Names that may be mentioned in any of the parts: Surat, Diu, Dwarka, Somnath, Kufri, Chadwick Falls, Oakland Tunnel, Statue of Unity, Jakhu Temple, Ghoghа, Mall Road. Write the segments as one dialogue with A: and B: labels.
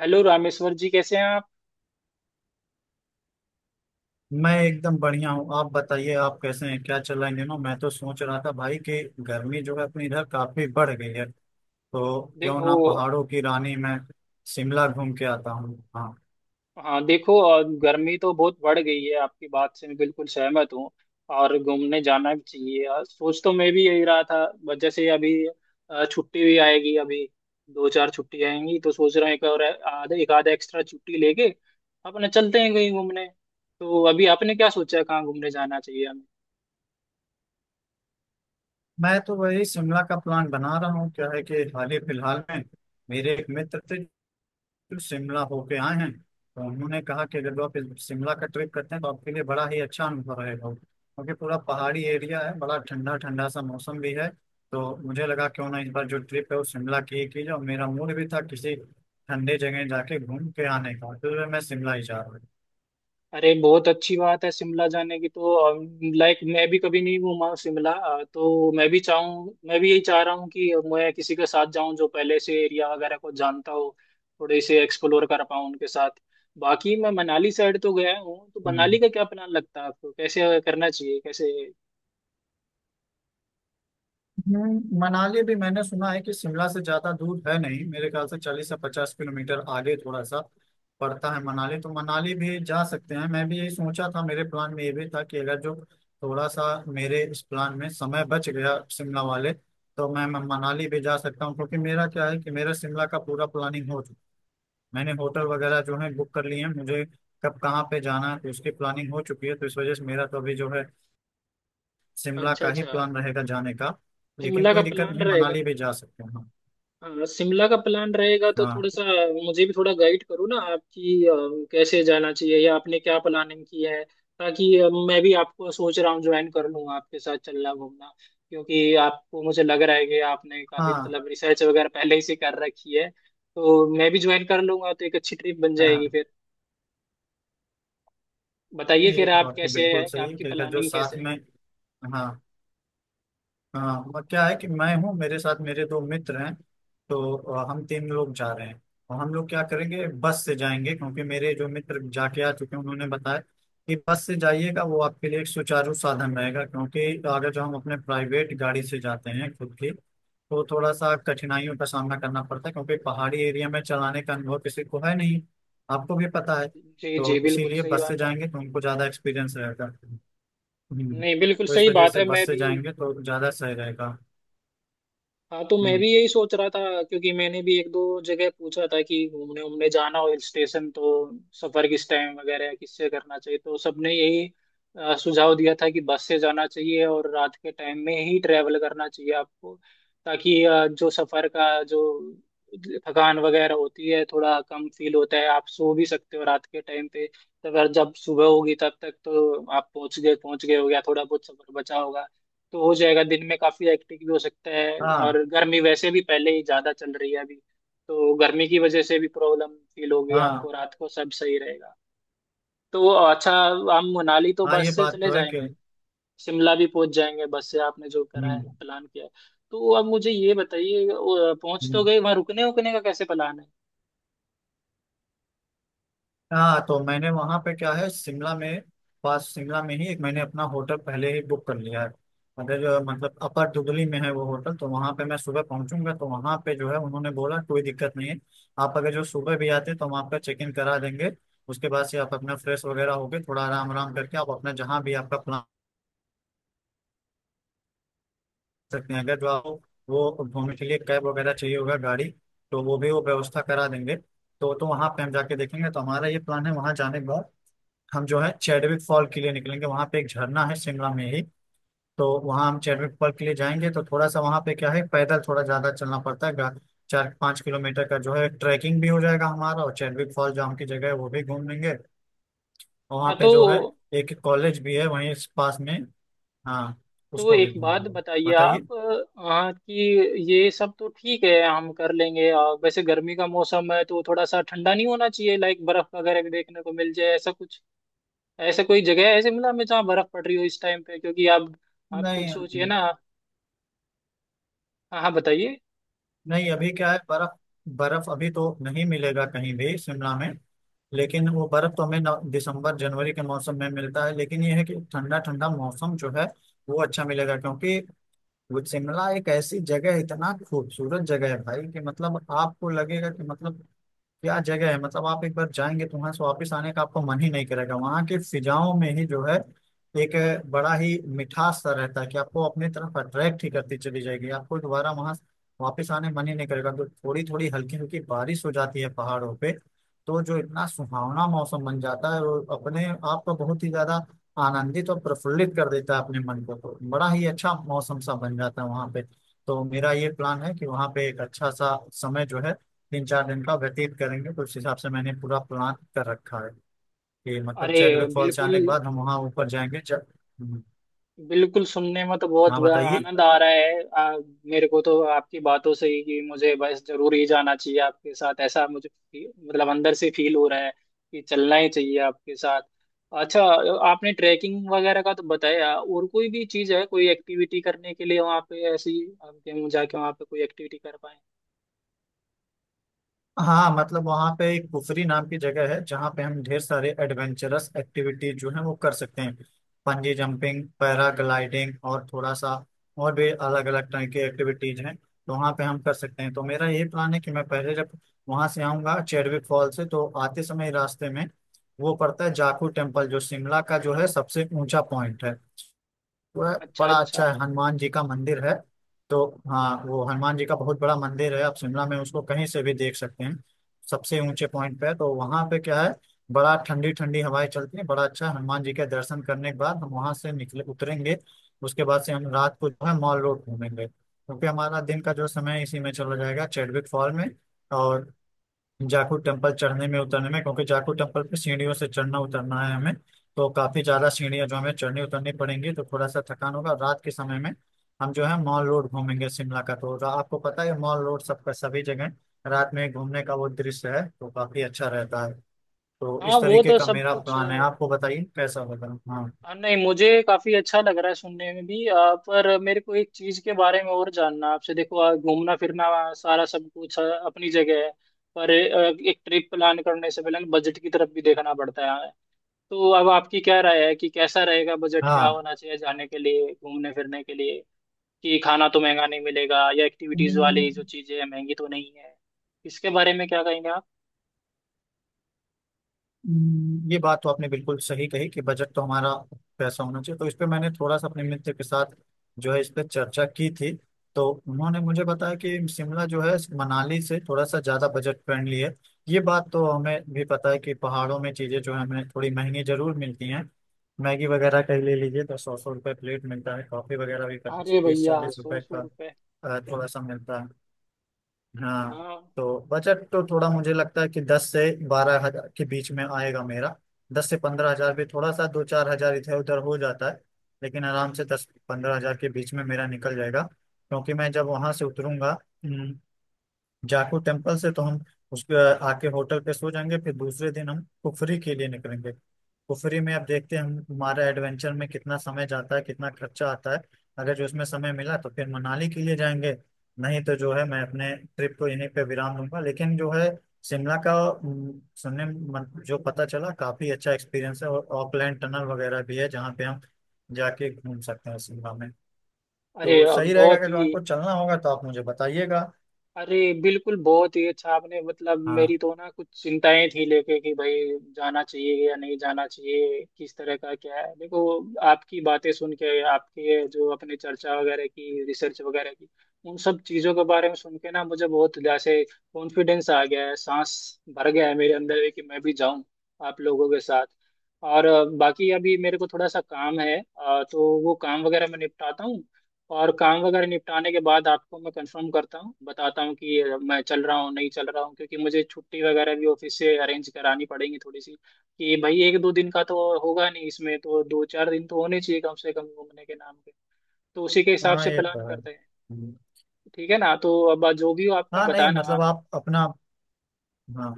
A: Hello Rameshwar ji, कैसे हैं आप?
B: मैं एकदम बढ़िया हूँ। आप बताइए, आप कैसे हैं? क्या चल रहा है इन दिनों? मैं तो सोच रहा था भाई कि गर्मी जो है अपने इधर काफी बढ़ गई है, तो क्यों ना
A: देखो।
B: पहाड़ों की रानी में शिमला घूम के आता हूँ। हाँ,
A: हाँ देखो, और गर्मी तो बहुत बढ़ गई है, आपकी बात से मैं बिल्कुल सहमत हूँ। और घूमने जाना भी चाहिए यार, सोच तो मैं भी यही रहा था, बट जैसे अभी छुट्टी भी आएगी अभी। दो चार छुट्टी आएंगी तो सोच रहा हूँ एक और आधा, एक आधा एक्स्ट्रा छुट्टी लेके अपने चलते हैं कहीं घूमने। तो अभी आपने क्या सोचा है कहाँ घूमने जाना चाहिए?
B: मैं तो वही शिमला का प्लान बना रहा हूँ। क्या है कि हाल ही फिलहाल में मेरे एक मित्र थे, फिर शिमला होके आए हैं। तो उन्होंने कहा कि अगर आप इस शिमला का ट्रिप करते हैं तो आपके लिए बड़ा ही अच्छा अनुभव रहेगा, क्योंकि पूरा पहाड़ी एरिया है, बड़ा ठंडा ठंडा सा मौसम भी है। तो मुझे लगा क्यों ना इस बार जो ट्रिप है वो शिमला की ही की जाए, और मेरा मूड भी था किसी ठंडे जगह जाके घूम के आने का, तो मैं शिमला ही जा रहा हूँ।
A: अरे बहुत अच्छी बात है शिमला जाने की, तो लाइक मैं भी कभी नहीं घूमा हूँ शिमला। तो मैं भी यही चाह रहा हूँ कि मैं किसी के साथ जाऊँ जो पहले से एरिया वगैरह को जानता हो, थोड़े से एक्सप्लोर कर पाऊँ उनके साथ। बाकी मैं मनाली साइड तो गया हूँ, तो मनाली
B: हम्म।
A: का क्या प्लान लगता है आपको, कैसे करना चाहिए कैसे?
B: मनाली भी मैंने सुना है कि शिमला से ज्यादा दूर है नहीं, मेरे ख्याल से 40 से 50 किलोमीटर आगे थोड़ा सा पड़ता है मनाली। तो मनाली भी जा सकते हैं, मैं भी यही सोचा था। मेरे प्लान में ये भी था कि अगर जो थोड़ा सा मेरे इस प्लान में समय बच गया शिमला वाले, तो मैं मनाली भी जा सकता हूँ, क्योंकि मेरा क्या है कि मेरा शिमला का पूरा प्लानिंग हो चुका, मैंने होटल
A: अच्छा
B: वगैरह जो है बुक कर लिए हैं, मुझे कब कहाँ पे जाना है तो उसकी प्लानिंग हो चुकी है। तो इस वजह से मेरा तो अभी जो है शिमला
A: अच्छा।
B: का ही
A: अच्छा
B: प्लान रहेगा जाने का। लेकिन
A: शिमला का
B: कोई दिक्कत
A: प्लान
B: नहीं,
A: रहेगा।
B: मनाली भी जा सकते हैं हम।
A: हाँ शिमला का प्लान रहेगा तो थोड़ा
B: हाँ,
A: सा मुझे भी थोड़ा गाइड करो ना, आपकी कैसे जाना चाहिए या आपने क्या प्लानिंग की है? ताकि मैं भी, आपको सोच रहा हूँ ज्वाइन कर लूँ आपके साथ चलना घूमना। क्योंकि आपको, मुझे लग रहा है कि आपने काफी
B: हाँ,
A: मतलब रिसर्च वगैरह पहले से कर रखी है, तो मैं भी ज्वाइन कर लूंगा तो एक अच्छी ट्रिप बन जाएगी
B: हाँ,
A: फिर। बताइए
B: ये
A: फिर
B: तो
A: आप
B: आपकी
A: कैसे है,
B: बिल्कुल
A: कि
B: सही है
A: आपकी
B: कि जो
A: प्लानिंग कैसे
B: साथ
A: है?
B: में। हाँ, हाँ, वह क्या है कि मैं हूँ, मेरे साथ मेरे दो मित्र हैं, तो हम तीन लोग जा रहे हैं। और हम लोग क्या करेंगे, बस से जाएंगे, क्योंकि मेरे जो मित्र जाके आ चुके हैं उन्होंने बताया कि बस से जाइएगा, वो आपके लिए एक सुचारू साधन रहेगा। क्योंकि अगर जो हम अपने प्राइवेट गाड़ी से जाते हैं खुद की तो थोड़ा सा कठिनाइयों का सामना करना पड़ता है, क्योंकि पहाड़ी एरिया में चलाने का अनुभव किसी को है नहीं, आपको भी पता है,
A: जी जी
B: तो
A: बिल्कुल
B: इसीलिए
A: सही
B: बस से
A: बात है।
B: जाएंगे तो उनको ज़्यादा एक्सपीरियंस रहेगा। हम्म,
A: नहीं बिल्कुल
B: तो इस
A: सही
B: वजह
A: बात
B: से
A: है
B: बस
A: मैं
B: से
A: भी।
B: जाएंगे तो ज्यादा सही रहेगा।
A: हाँ तो मैं
B: हम्म,
A: भी यही सोच रहा था, क्योंकि मैंने भी एक दो जगह पूछा था कि घूमने उमने जाना हो हिल स्टेशन तो सफर किस टाइम वगैरह किससे करना चाहिए, तो सबने यही सुझाव दिया था कि बस से जाना चाहिए और रात के टाइम में ही ट्रैवल करना चाहिए आपको। ताकि जो सफर का जो थकान वगैरह होती है थोड़ा कम फील होता है, आप सो भी सकते हो रात के टाइम पे, तो अगर जब सुबह होगी तब तक तो आप पहुंच गए हो गया, थोड़ा बहुत सफर बचा होगा। तो हो जाएगा, दिन में काफी एक्टिव भी हो सकता है,
B: हाँ,
A: और गर्मी वैसे भी पहले ही ज्यादा चल रही है अभी। तो गर्मी की वजह से भी प्रॉब्लम फील होगी,
B: हाँ,
A: आपको रात को सब सही रहेगा। तो अच्छा, हम मनाली तो
B: हाँ,
A: बस
B: ये
A: से
B: बात
A: चले
B: तो है कि।
A: जाएंगे, शिमला भी पहुंच जाएंगे बस से, आपने जो करा है
B: हम्म,
A: प्लान किया है। तो अब मुझे ये बताइए, वो पहुंच तो
B: हम्म,
A: गए, वहां रुकने उकने का कैसे प्लान है?
B: हाँ, तो मैंने वहाँ पे क्या है शिमला में पास शिमला में ही एक मैंने अपना होटल पहले ही बुक कर लिया है। अगर मतलब अपर दुगली में है वो होटल, तो वहाँ पे मैं सुबह पहुंचूंगा, तो वहाँ पे जो है उन्होंने बोला कोई दिक्कत नहीं है, आप अगर जो सुबह भी आते तो हम आपका चेक इन करा देंगे। उसके बाद से आप अपना फ्रेश वगैरह होके थोड़ा आराम आराम करके आप अपना जहाँ भी आपका सकते हैं। अगर जो आपको वो घूमने के लिए कैब वगैरह चाहिए होगा गाड़ी, तो वो भी वो व्यवस्था करा देंगे। तो वहाँ पे हम जाके देखेंगे। तो हमारा ये प्लान है, वहाँ जाने के बाद हम जो है चैडविक फॉल के लिए निकलेंगे, वहाँ पे एक झरना है शिमला में ही। तो वहाँ हम चैडविक फॉल के लिए जाएंगे। तो थोड़ा सा वहाँ पे क्या है, पैदल थोड़ा ज्यादा चलना पड़ता है, 4-5 किलोमीटर का जो है ट्रैकिंग भी हो जाएगा हमारा। और चैडविक फॉल जाम की जगह है, वो भी घूम लेंगे। और वहाँ
A: हाँ।
B: पे
A: तो
B: जो है एक कॉलेज भी है वहीं इस पास में। हाँ,
A: तो
B: उसको भी
A: एक
B: घूम
A: बात
B: लेंगे।
A: बताइए
B: बताइए।
A: आप। हाँ कि ये सब तो ठीक है हम कर लेंगे, वैसे गर्मी का मौसम है तो थोड़ा सा ठंडा नहीं होना चाहिए? लाइक बर्फ वगैरह भी देखने को मिल जाए ऐसा कुछ, ऐसा कोई जगह है ऐसे मिला में जहाँ बर्फ पड़ रही हो इस टाइम पे? क्योंकि आप खुद
B: नहीं,
A: सोचिए ना। हाँ हाँ बताइए।
B: नहीं, अभी क्या है बर्फ, बर्फ अभी तो नहीं मिलेगा कहीं भी शिमला में। लेकिन वो बर्फ तो हमें दिसंबर जनवरी के मौसम में मिलता है। लेकिन ये है कि ठंडा ठंडा मौसम जो है वो अच्छा मिलेगा, क्योंकि वो शिमला एक ऐसी जगह है, इतना खूबसूरत जगह है भाई कि मतलब आपको लगेगा कि मतलब क्या जगह है। मतलब आप एक बार जाएंगे तो वहां से वापस आने का आपको मन ही नहीं करेगा, वहां की फिजाओं में ही जो है एक बड़ा ही मिठास सा रहता है कि आपको अपनी तरफ अट्रैक्ट ही करती चली जाएगी, आपको दोबारा वहां वापस आने मन ही नहीं करेगा। तो थोड़ी थोड़ी हल्की हल्की बारिश हो जाती है पहाड़ों पे, तो जो इतना सुहावना मौसम बन जाता है वो अपने आप को बहुत ही ज्यादा आनंदित और प्रफुल्लित कर देता है अपने मन को, तो बड़ा ही अच्छा मौसम सा बन जाता है वहां पे। तो मेरा ये प्लान है कि वहां पे एक अच्छा सा समय जो है 3-4 दिन का व्यतीत करेंगे। तो उस हिसाब से मैंने पूरा प्लान कर रखा है कि मतलब
A: अरे
B: चैडविक फॉल्स
A: बिल्कुल,
B: जाने के बाद हम वहाँ ऊपर जाएंगे जब। हम्म,
A: बिल्कुल सुनने में तो बहुत
B: हाँ, बताइए।
A: आनंद आ रहा है। मेरे को तो आपकी बातों से ही कि मुझे बस जरूर ही जाना चाहिए आपके साथ, ऐसा मुझे मतलब अंदर से फील हो रहा है कि चलना ही चाहिए आपके साथ। अच्छा, आपने ट्रैकिंग वगैरह का तो बताया, और कोई भी चीज़ है कोई एक्टिविटी करने के लिए वहाँ पे ऐसी, आप जाके वहाँ पे कोई एक्टिविटी कर पाए?
B: हाँ, मतलब वहाँ पे एक कुफरी नाम की जगह है जहाँ पे हम ढेर सारे एडवेंचरस एक्टिविटी जो है वो कर सकते हैं, पंजी जंपिंग, पैराग्लाइडिंग और थोड़ा सा और भी अलग अलग तरह की एक्टिविटीज हैं, तो वहाँ पे हम कर सकते हैं। तो मेरा यही प्लान है कि मैं पहले जब वहाँ से आऊँगा चेडविक फॉल से तो आते समय रास्ते में वो पड़ता है जाखू टेम्पल, जो शिमला का जो है सबसे ऊंचा पॉइंट है। वह
A: अच्छा
B: बड़ा
A: अच्छा।
B: अच्छा है, हनुमान जी का मंदिर है तो। हाँ, वो हनुमान जी का बहुत बड़ा मंदिर है, आप शिमला में उसको कहीं से भी देख सकते हैं, सबसे ऊंचे पॉइंट पे है। तो वहाँ पे क्या है, बड़ा ठंडी ठंडी हवाएं चलती है, बड़ा अच्छा है। हनुमान जी के दर्शन करने के बाद हम वहाँ से निकले उतरेंगे, उसके बाद से हम रात को जो है मॉल रोड घूमेंगे, क्योंकि हमारा दिन का जो समय है, इसी में चला जाएगा चैडविक फॉल में और जाखू टेम्पल चढ़ने में उतरने में, क्योंकि जाखू टेम्पल पे सीढ़ियों से चढ़ना उतरना है हमें, तो काफी ज्यादा सीढ़ियां जो हमें चढ़नी उतरनी पड़ेंगी, तो थोड़ा सा थकान होगा। रात के समय में हम जो है मॉल रोड घूमेंगे शिमला का, तो आपको पता है मॉल रोड सबका सभी जगह रात में घूमने का वो दृश्य है, तो काफी अच्छा रहता है। तो
A: हाँ
B: इस
A: वो
B: तरीके
A: तो
B: का
A: सब
B: मेरा
A: कुछ।
B: प्लान है, आपको बताइए कैसा होगा।
A: हाँ नहीं, मुझे काफी अच्छा लग रहा है सुनने में भी, पर मेरे को एक चीज के बारे में और जानना है आपसे। देखो घूमना फिरना, सारा सब कुछ अपनी जगह है, पर एक ट्रिप प्लान करने से पहले बजट की तरफ भी देखना पड़ता है। तो अब आपकी क्या राय है, कि कैसा रहेगा, बजट क्या
B: हाँ,
A: होना चाहिए जाने के लिए घूमने फिरने के लिए, कि खाना तो महंगा नहीं मिलेगा, या एक्टिविटीज वाली
B: हाँ,
A: जो चीजें हैं महंगी तो नहीं है, इसके बारे में क्या कहेंगे आप?
B: ये बात तो आपने बिल्कुल सही कही कि बजट तो हमारा पैसा होना चाहिए, तो इस पे मैंने थोड़ा सा अपने मित्र के साथ जो है इस पे चर्चा की थी। तो उन्होंने मुझे बताया कि शिमला जो है मनाली से थोड़ा सा ज़्यादा बजट फ्रेंडली है। ये बात तो हमें भी पता है कि पहाड़ों में चीज़ें जो है हमें थोड़ी महंगी जरूर मिलती हैं। मैगी वगैरह का ही ले लीजिए तो 100-100 रुपये प्लेट मिलता है, कॉफ़ी वगैरह भी
A: अरे
B: तीस
A: भैया,
B: चालीस
A: सौ
B: रुपए
A: सौ
B: का
A: रुपये!
B: थोड़ा सा मिलता है। हाँ,
A: हाँ।
B: तो बजट तो थोड़ा मुझे लगता है कि 10 से 12 हजार के बीच में आएगा मेरा, 10 से 15 हजार भी, थोड़ा सा 2-4 हजार इधर उधर हो जाता है। लेकिन आराम से 10-15 हजार के बीच में मेरा निकल जाएगा, क्योंकि मैं जब वहां से उतरूंगा जाखू टेम्पल से तो हम उसके आके होटल पे सो जाएंगे। फिर दूसरे दिन हम कुफरी के लिए निकलेंगे, कुफरी में अब देखते हैं हम हमारा एडवेंचर में कितना समय जाता है, कितना खर्चा आता है। अगर जो उसमें समय मिला तो फिर मनाली के लिए जाएंगे, नहीं तो जो है मैं अपने ट्रिप को यहीं पे विराम दूंगा। लेकिन जो है शिमला का सुनने जो पता चला काफी अच्छा एक्सपीरियंस है, और ऑकलैंड टनल वगैरह भी है जहाँ पे हम जाके घूम सकते हैं शिमला में।
A: अरे
B: तो
A: अब
B: सही रहेगा,
A: बहुत
B: अगर जो
A: ही,
B: आपको चलना होगा तो आप मुझे बताइएगा।
A: अरे बिल्कुल बहुत ही अच्छा आपने, मतलब मेरी
B: हाँ।
A: तो ना कुछ चिंताएं थी लेके कि भाई जाना चाहिए या नहीं जाना चाहिए, किस तरह का क्या है। देखो आपकी बातें सुन के, आपकी ये जो अपने चर्चा वगैरह की, रिसर्च वगैरह की, उन सब चीज़ों के बारे में सुन के ना मुझे बहुत जैसे कॉन्फिडेंस आ गया है, सांस भर गया है मेरे अंदर कि मैं भी जाऊं आप लोगों के साथ। और बाकी अभी मेरे को थोड़ा सा काम है, तो वो काम वगैरह मैं निपटाता हूँ, और काम वगैरह निपटाने के बाद आपको मैं कंफर्म करता हूँ बताता हूँ कि मैं चल रहा हूँ नहीं चल रहा हूँ, क्योंकि मुझे छुट्टी वगैरह भी ऑफिस से अरेंज करानी पड़ेगी थोड़ी सी, कि भाई एक दो दिन का तो होगा नहीं, इसमें तो दो चार दिन तो होने चाहिए कम से कम घूमने के नाम पे। तो उसी के हिसाब
B: हाँ,
A: से
B: ये
A: प्लान
B: तो है।
A: करते हैं।
B: हम्म।
A: ठीक है ना, तो अब जो भी हो आपका
B: हाँ, नहीं,
A: बताना,
B: मतलब
A: आप
B: आप अपना, हाँ,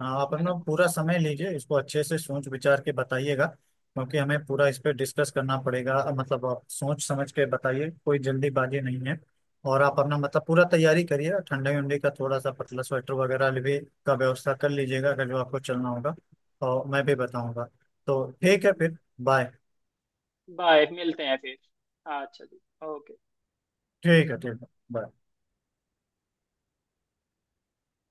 B: हाँ, आप
A: है
B: अपना
A: ना।
B: पूरा समय लीजिए, इसको अच्छे से सोच विचार के बताइएगा, क्योंकि हमें पूरा इस पे डिस्कस करना पड़ेगा, मतलब आप सोच समझ के बताइए, कोई जल्दीबाजी नहीं है। और आप अपना मतलब पूरा तैयारी करिए, ठंडे उंडे का थोड़ा सा पतला स्वेटर वगैरह भी का व्यवस्था कर लीजिएगा अगर जो आपको चलना होगा, और मैं भी बताऊंगा। तो ठीक है, फिर बाय।
A: बाय, मिलते हैं फिर। अच्छा जी। ओके।
B: ठीक है, ठीक है। bye।